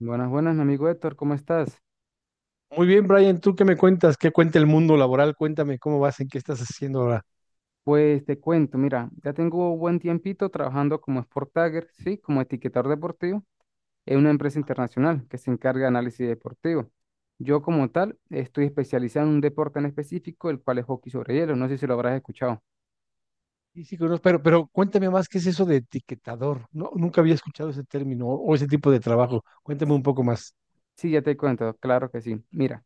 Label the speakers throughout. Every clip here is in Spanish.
Speaker 1: Buenas, buenas, mi amigo Héctor, ¿cómo estás?
Speaker 2: Muy bien, Brian, ¿tú qué me cuentas? ¿Qué cuenta el mundo laboral? Cuéntame cómo vas, en qué estás haciendo ahora.
Speaker 1: Pues te cuento, mira, ya tengo buen tiempito trabajando como Sport Tagger, sí, como etiquetador deportivo en una empresa internacional que se encarga de análisis deportivo. Yo como tal estoy especializado en un deporte en específico, el cual es hockey sobre hielo, no sé si lo habrás escuchado.
Speaker 2: Sí, sí, conozco, pero cuéntame más, ¿qué es eso de etiquetador? No, nunca había escuchado ese término o ese tipo de trabajo. Cuéntame un poco más.
Speaker 1: Sí, ya te cuento, claro que sí. Mira,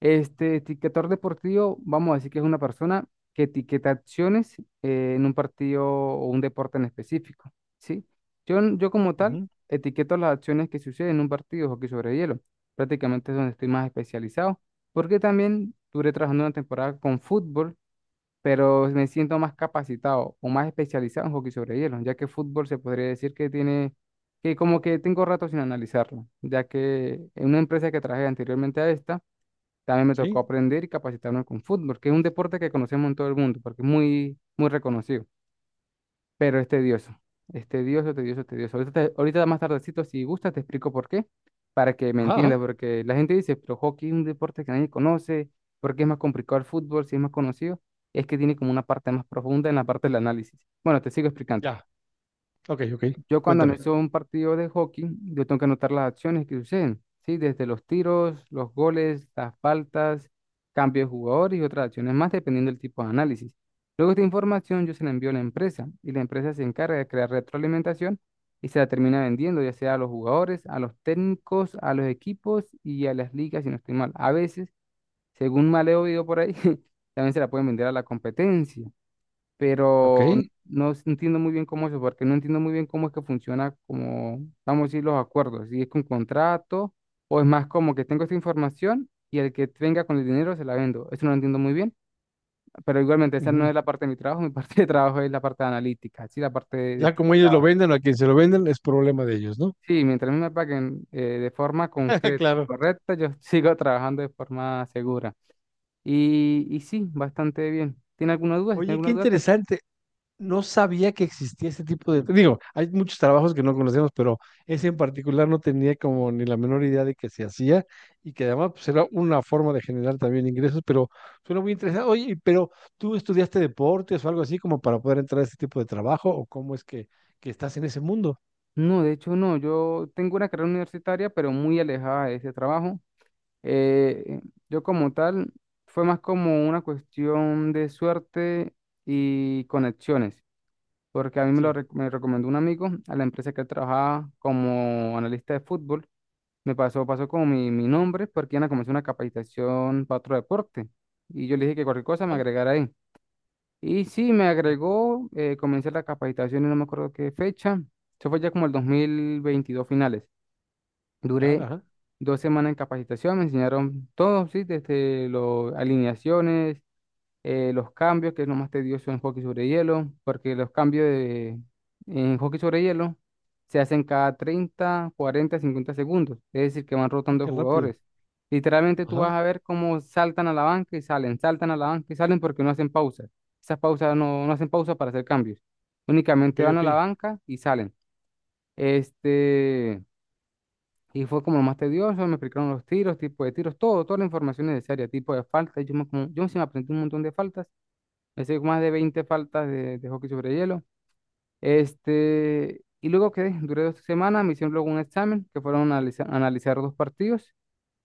Speaker 1: este etiquetador deportivo, vamos a decir que es una persona que etiqueta acciones en un partido o un deporte en específico, ¿sí? Yo como tal
Speaker 2: Ujú.
Speaker 1: etiqueto las acciones que suceden en un partido de hockey sobre hielo, prácticamente es donde estoy más especializado, porque también duré trabajando una temporada con fútbol, pero me siento más capacitado o más especializado en hockey sobre hielo, ya que fútbol se podría decir que tiene, que como que tengo rato sin analizarlo, ya que en una empresa que trabajé anteriormente a esta, también me tocó
Speaker 2: ¿Sí?
Speaker 1: aprender y capacitarme con fútbol, que es un deporte que conocemos en todo el mundo, porque es muy, muy reconocido, pero es tedioso. Es tedioso, tedioso, tedioso. Ahorita más tardecito, si gustas, te explico por qué, para que me
Speaker 2: Ah, ajá,
Speaker 1: entiendas, porque la gente dice, pero hockey es un deporte que nadie conoce, porque es más complicado el fútbol, si es más conocido, es que tiene como una parte más profunda en la parte del análisis. Bueno, te sigo explicando.
Speaker 2: ya. Ok, ok.
Speaker 1: Yo cuando
Speaker 2: Cuéntame.
Speaker 1: analizo un partido de hockey, yo tengo que anotar las acciones que suceden, ¿sí? Desde los tiros, los goles, las faltas, cambios de jugadores y otras acciones más, dependiendo del tipo de análisis. Luego esta información yo se la envío a la empresa y la empresa se encarga de crear retroalimentación y se la termina vendiendo, ya sea a los jugadores, a los técnicos, a los equipos y a las ligas, si no estoy mal. A veces, según mal he oído por ahí, también se la pueden vender a la competencia,
Speaker 2: Ok.
Speaker 1: pero no entiendo muy bien cómo eso, porque no entiendo muy bien cómo es que funciona, como, vamos a decir, los acuerdos, si es con contrato o es más como que tengo esta información y el que venga con el dinero se la vendo. Eso no lo entiendo muy bien, pero igualmente esa no
Speaker 2: Ujú.
Speaker 1: es la parte de mi trabajo, mi parte de trabajo es la parte analítica, sí, la parte de
Speaker 2: Ya como ellos lo
Speaker 1: etiquetado.
Speaker 2: venden o a quien se lo venden es problema de ellos, ¿no?
Speaker 1: Sí, mientras a mí me paguen de forma concreta y
Speaker 2: Claro.
Speaker 1: correcta, yo sigo trabajando de forma segura. Y sí, bastante bien. ¿Tiene alguna duda? Si tiene
Speaker 2: Oye, qué
Speaker 1: alguna duda.
Speaker 2: interesante. No sabía que existía ese tipo de... Digo, hay muchos trabajos que no conocemos, pero ese en particular no tenía como ni la menor idea de que se hacía y que además pues, era una forma de generar también ingresos, pero suena muy interesante. Oye, pero ¿tú estudiaste deportes o algo así como para poder entrar a este tipo de trabajo o cómo es que estás en ese mundo?
Speaker 1: No, de hecho no, yo tengo una carrera universitaria, pero muy alejada de ese trabajo. Eh, yo como tal, fue más como una cuestión de suerte y conexiones, porque a mí me lo
Speaker 2: Sí.
Speaker 1: rec- me recomendó un amigo a la empresa que él trabajaba como analista de fútbol. Me pasó, pasó como mi nombre, porque iban a comenzar una capacitación para otro deporte. Y yo le dije que cualquier cosa me
Speaker 2: Ah,
Speaker 1: agregara ahí. Y sí, me
Speaker 2: o-
Speaker 1: agregó, comencé la capacitación y no me acuerdo qué fecha. Eso fue ya como el 2022 finales.
Speaker 2: ya,
Speaker 1: Duré
Speaker 2: ajá.
Speaker 1: 2 semanas en capacitación, me enseñaron todo, sí, desde las alineaciones, los cambios, que es lo más tedioso en hockey sobre hielo, porque los cambios de, en hockey sobre hielo se hacen cada 30 40 50 segundos, es decir, que van
Speaker 2: Ah,
Speaker 1: rotando
Speaker 2: qué rápido.
Speaker 1: jugadores. Literalmente tú vas
Speaker 2: Ajá.
Speaker 1: a ver cómo saltan a la banca y salen, saltan a la banca y salen, porque no hacen pausas. Esas pausas no, no hacen pausa para hacer cambios.
Speaker 2: Ok,
Speaker 1: Únicamente van a
Speaker 2: ok.
Speaker 1: la banca y salen. Este, y fue como lo más tedioso, me explicaron los tiros, tipo de tiros, todo, toda la información necesaria, tipo de faltas. Yo sí me aprendí un montón de faltas, me hice más de 20 faltas de hockey sobre hielo. Y luego quedé, duré 2 semanas, me hicieron luego un examen, que fueron a analizar dos partidos,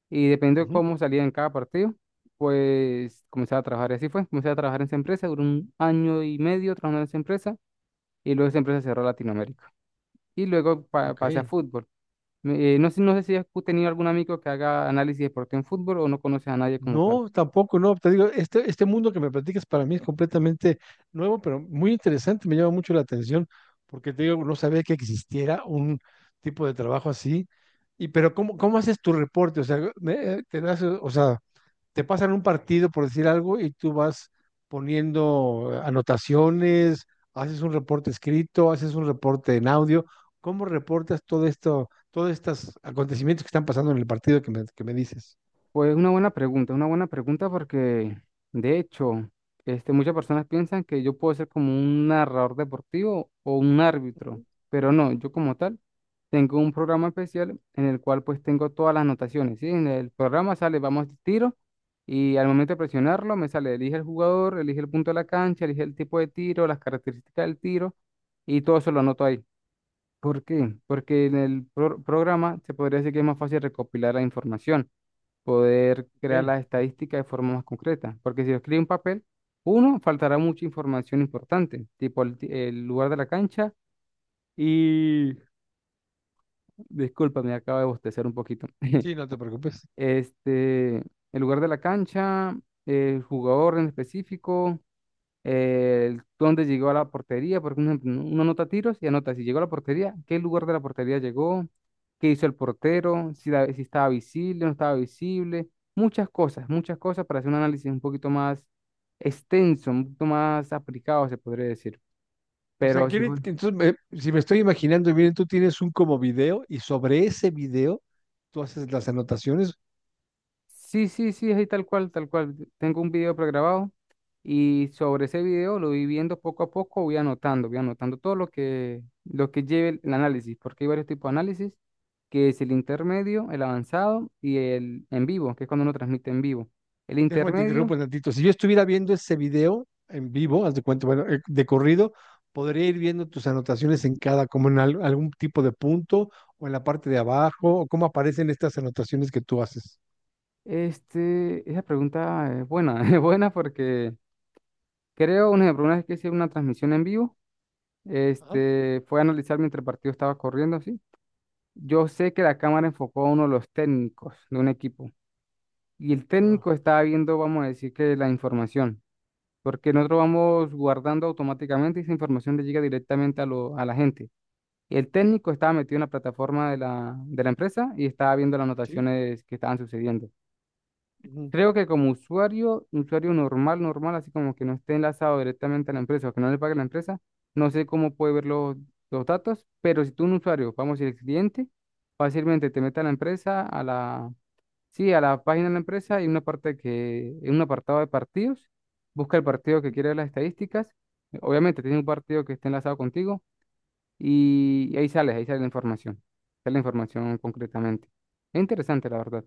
Speaker 1: y dependiendo de
Speaker 2: Ujú.
Speaker 1: cómo salía en cada partido, pues comenzaba a trabajar, y así fue, comencé a trabajar en esa empresa, duré un año y medio trabajando en esa empresa, y luego esa empresa cerró Latinoamérica. Y luego pa-
Speaker 2: Ok.
Speaker 1: pasé a fútbol. No sé, no sé si has tenido algún amigo que haga análisis de deporte en fútbol o no conoces a nadie como tal.
Speaker 2: No, tampoco, no. Te digo, este mundo que me platicas para mí es completamente nuevo, pero muy interesante, me llama mucho la atención, porque te digo, no sabía que existiera un tipo de trabajo así. Y, pero ¿cómo, cómo haces tu reporte? O sea, te das, o sea, te pasan un partido por decir algo y tú vas poniendo anotaciones, haces un reporte escrito, haces un reporte en audio. ¿Cómo reportas todo esto, todos estos acontecimientos que están pasando en el partido que me dices?
Speaker 1: Pues una buena pregunta porque, de hecho, muchas personas piensan que yo puedo ser como un narrador deportivo o un árbitro, pero no, yo como tal tengo un programa especial en el cual pues tengo todas las anotaciones, ¿sí? En el programa sale, vamos, tiro, y al momento de presionarlo me sale, elige el jugador, elige el punto de la cancha, elige el tipo de tiro, las características del tiro, y todo eso lo anoto ahí. ¿Por qué? Porque en el programa se podría decir que es más fácil recopilar la información, poder crear
Speaker 2: Ok.
Speaker 1: las estadísticas de forma más concreta. Porque si lo escribe en papel, uno, faltará mucha información importante, tipo el lugar de la cancha y... Disculpa, me acabo de bostezar un poquito.
Speaker 2: Sí, no te preocupes.
Speaker 1: El lugar de la cancha, el jugador en específico, dónde llegó a la portería, porque uno, uno anota tiros y anota si llegó a la portería, qué lugar de la portería llegó, qué hizo el portero, si estaba visible, no estaba visible, muchas cosas para hacer un análisis un poquito más extenso, un poquito más aplicado, se podría decir.
Speaker 2: O sea,
Speaker 1: Pero si
Speaker 2: quiere,
Speaker 1: fue.
Speaker 2: que entonces, si me estoy imaginando bien, tú tienes un como video y sobre ese video tú haces las anotaciones.
Speaker 1: Sí, sí, sí, ahí tal cual, tal cual. Tengo un video pregrabado y sobre ese video lo voy viendo poco a poco, voy anotando todo lo que lleve el análisis, porque hay varios tipos de análisis, que es el intermedio, el avanzado y el en vivo, que es cuando uno transmite en vivo. El
Speaker 2: Déjame te interrumpo
Speaker 1: intermedio,
Speaker 2: un tantito. Si yo estuviera viendo ese video en vivo, haz de cuenta, bueno, de corrido, podría ir viendo tus anotaciones en cada, como en algún tipo de punto o en la parte de abajo, o cómo aparecen estas anotaciones que tú haces.
Speaker 1: esa pregunta es buena, es buena porque creo, un ejemplo, una vez que hice una transmisión en vivo,
Speaker 2: Ajá,
Speaker 1: fue a analizar mientras el partido estaba corriendo, ¿sí? Yo sé que la cámara enfocó a uno de los técnicos de un equipo y el
Speaker 2: ajá.
Speaker 1: técnico estaba viendo, vamos a decir que la información, porque nosotros vamos guardando automáticamente y esa información le llega directamente a la gente. El técnico estaba metido en la plataforma de la empresa y estaba viendo las
Speaker 2: Sí.
Speaker 1: anotaciones que estaban sucediendo. Creo que como usuario, usuario normal, normal, así como que no esté enlazado directamente a la empresa o que no le pague la empresa, no sé cómo puede ver los, datos, pero si tú un usuario, vamos a decir cliente, fácilmente te mete a la empresa, sí, a la página de la empresa, hay una parte que, en un apartado de partidos, busca el partido que quiere ver las estadísticas, obviamente tiene un partido que esté enlazado contigo y ahí sale la información concretamente. Es interesante, la verdad.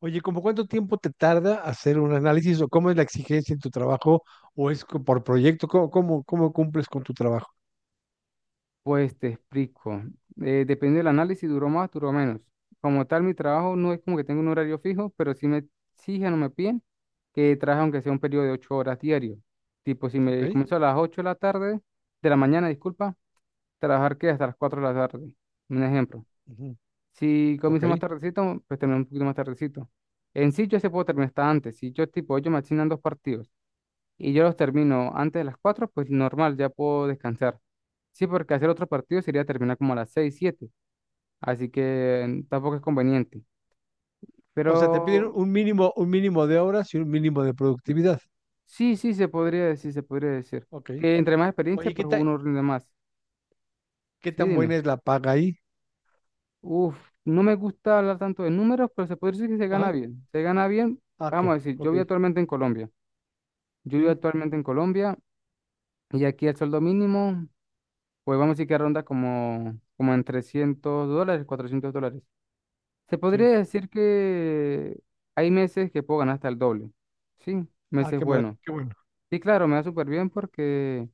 Speaker 2: Oye, ¿como cuánto tiempo te tarda hacer un análisis o cómo es la exigencia en tu trabajo o es por proyecto? ¿Cómo, cómo, cómo cumples con tu trabajo?
Speaker 1: Pues te explico. Depende del análisis, si duró más, duró menos. Como tal, mi trabajo no es como que tengo un horario fijo, pero sí me exigen o me piden que trabaje aunque sea un periodo de 8 horas diario. Tipo, si
Speaker 2: ¿Ok?
Speaker 1: me comienzo a las 8 de la tarde, de la mañana, disculpa, trabajar que hasta las 4 de la tarde. Un ejemplo.
Speaker 2: Ujú.
Speaker 1: Si
Speaker 2: Ok.
Speaker 1: comienzo más tardecito, pues termino un poquito más tardecito. En sí, yo se puedo terminar hasta antes. Si yo, tipo, ellos me asignan dos partidos y yo los termino antes de las 4, pues normal, ya puedo descansar. Sí, porque hacer otro partido sería terminar como a las 6 7, así que tampoco es conveniente.
Speaker 2: O sea, te piden
Speaker 1: Pero
Speaker 2: un mínimo de horas y un mínimo de productividad.
Speaker 1: sí, sí, se podría decir, se podría decir.
Speaker 2: Ok.
Speaker 1: Que entre más experiencia,
Speaker 2: Oye,
Speaker 1: pues uno rinde más.
Speaker 2: ¿qué
Speaker 1: Sí,
Speaker 2: tan buena
Speaker 1: dime.
Speaker 2: es la paga ahí?
Speaker 1: Uf, no me gusta hablar tanto de números, pero se puede decir que se gana
Speaker 2: Ah,
Speaker 1: bien. Se gana bien,
Speaker 2: ah, ok.
Speaker 1: vamos a decir, yo
Speaker 2: Ok.
Speaker 1: vivo actualmente en Colombia. Yo vivo
Speaker 2: Sí,
Speaker 1: actualmente en Colombia y aquí el sueldo mínimo, pues vamos a decir que ronda como, en $300, $400. Se
Speaker 2: sí.
Speaker 1: podría decir que hay meses que puedo ganar hasta el doble. Sí,
Speaker 2: Ah,
Speaker 1: meses
Speaker 2: qué maravilla,
Speaker 1: buenos.
Speaker 2: qué
Speaker 1: Y claro, me va súper bien porque,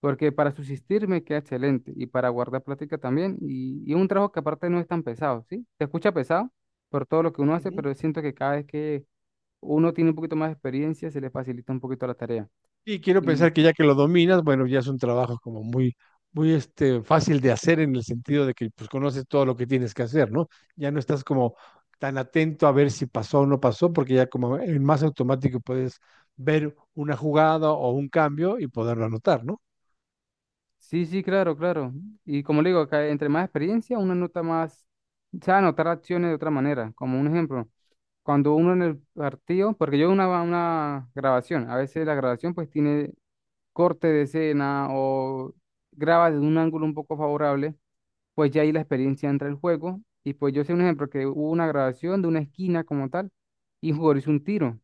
Speaker 1: porque para subsistir me queda excelente y para guardar plática también. Y un trabajo que aparte no es tan pesado, ¿sí? Se escucha pesado por todo lo que uno hace,
Speaker 2: bueno.
Speaker 1: pero siento que cada vez que uno tiene un poquito más de experiencia se le facilita un poquito la tarea.
Speaker 2: Y quiero
Speaker 1: Y
Speaker 2: pensar que ya que lo dominas, bueno, ya es un trabajo como muy, muy este, fácil de hacer en el sentido de que pues conoces todo lo que tienes que hacer, ¿no? Ya no estás como tan atento a ver si pasó o no pasó, porque ya como en más automático puedes ver una jugada o un cambio y poderlo anotar, ¿no?
Speaker 1: sí, sí, claro, claro. Y como le digo, acá entre más experiencia uno nota más, sabe anotar acciones de otra manera. Como un ejemplo. Cuando uno en el partido, porque yo una grabación, a veces la grabación pues tiene corte de escena o graba desde un ángulo un poco favorable, pues ya ahí la experiencia entra el juego. Y pues yo sé un ejemplo que hubo una grabación de una esquina como tal y un jugador hizo un tiro,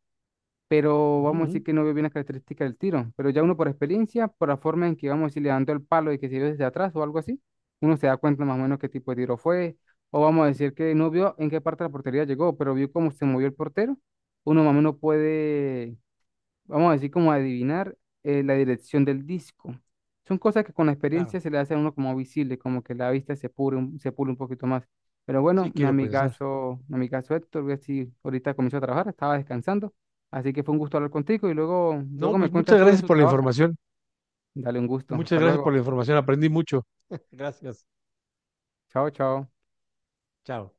Speaker 1: pero
Speaker 2: Ujú,
Speaker 1: vamos a decir
Speaker 2: ujú,
Speaker 1: que no veo bien las características del tiro, pero ya uno por experiencia, por la forma en que vamos a decir le dando el palo y que se vio desde atrás o algo así, uno se da cuenta más o menos qué tipo de tiro fue, o vamos a decir que no vio en qué parte de la portería llegó, pero vio cómo se movió el portero, uno más o menos puede, vamos a decir, como adivinar la dirección del disco. Son cosas que con la experiencia
Speaker 2: claro,
Speaker 1: se le hace a uno como visible, como que la vista se pule un poquito más. Pero bueno,
Speaker 2: sí quiero pensar.
Speaker 1: mi amigazo Héctor, voy a decir, ahorita comenzó a trabajar, estaba descansando, así que fue un gusto hablar contigo y luego,
Speaker 2: No,
Speaker 1: luego me
Speaker 2: pues
Speaker 1: cuentas
Speaker 2: muchas
Speaker 1: tú de
Speaker 2: gracias
Speaker 1: su
Speaker 2: por la
Speaker 1: trabajo.
Speaker 2: información.
Speaker 1: Dale un gusto, hasta
Speaker 2: Muchas gracias
Speaker 1: luego.
Speaker 2: por la información. Aprendí mucho. Gracias.
Speaker 1: Chao, chao.
Speaker 2: Chao.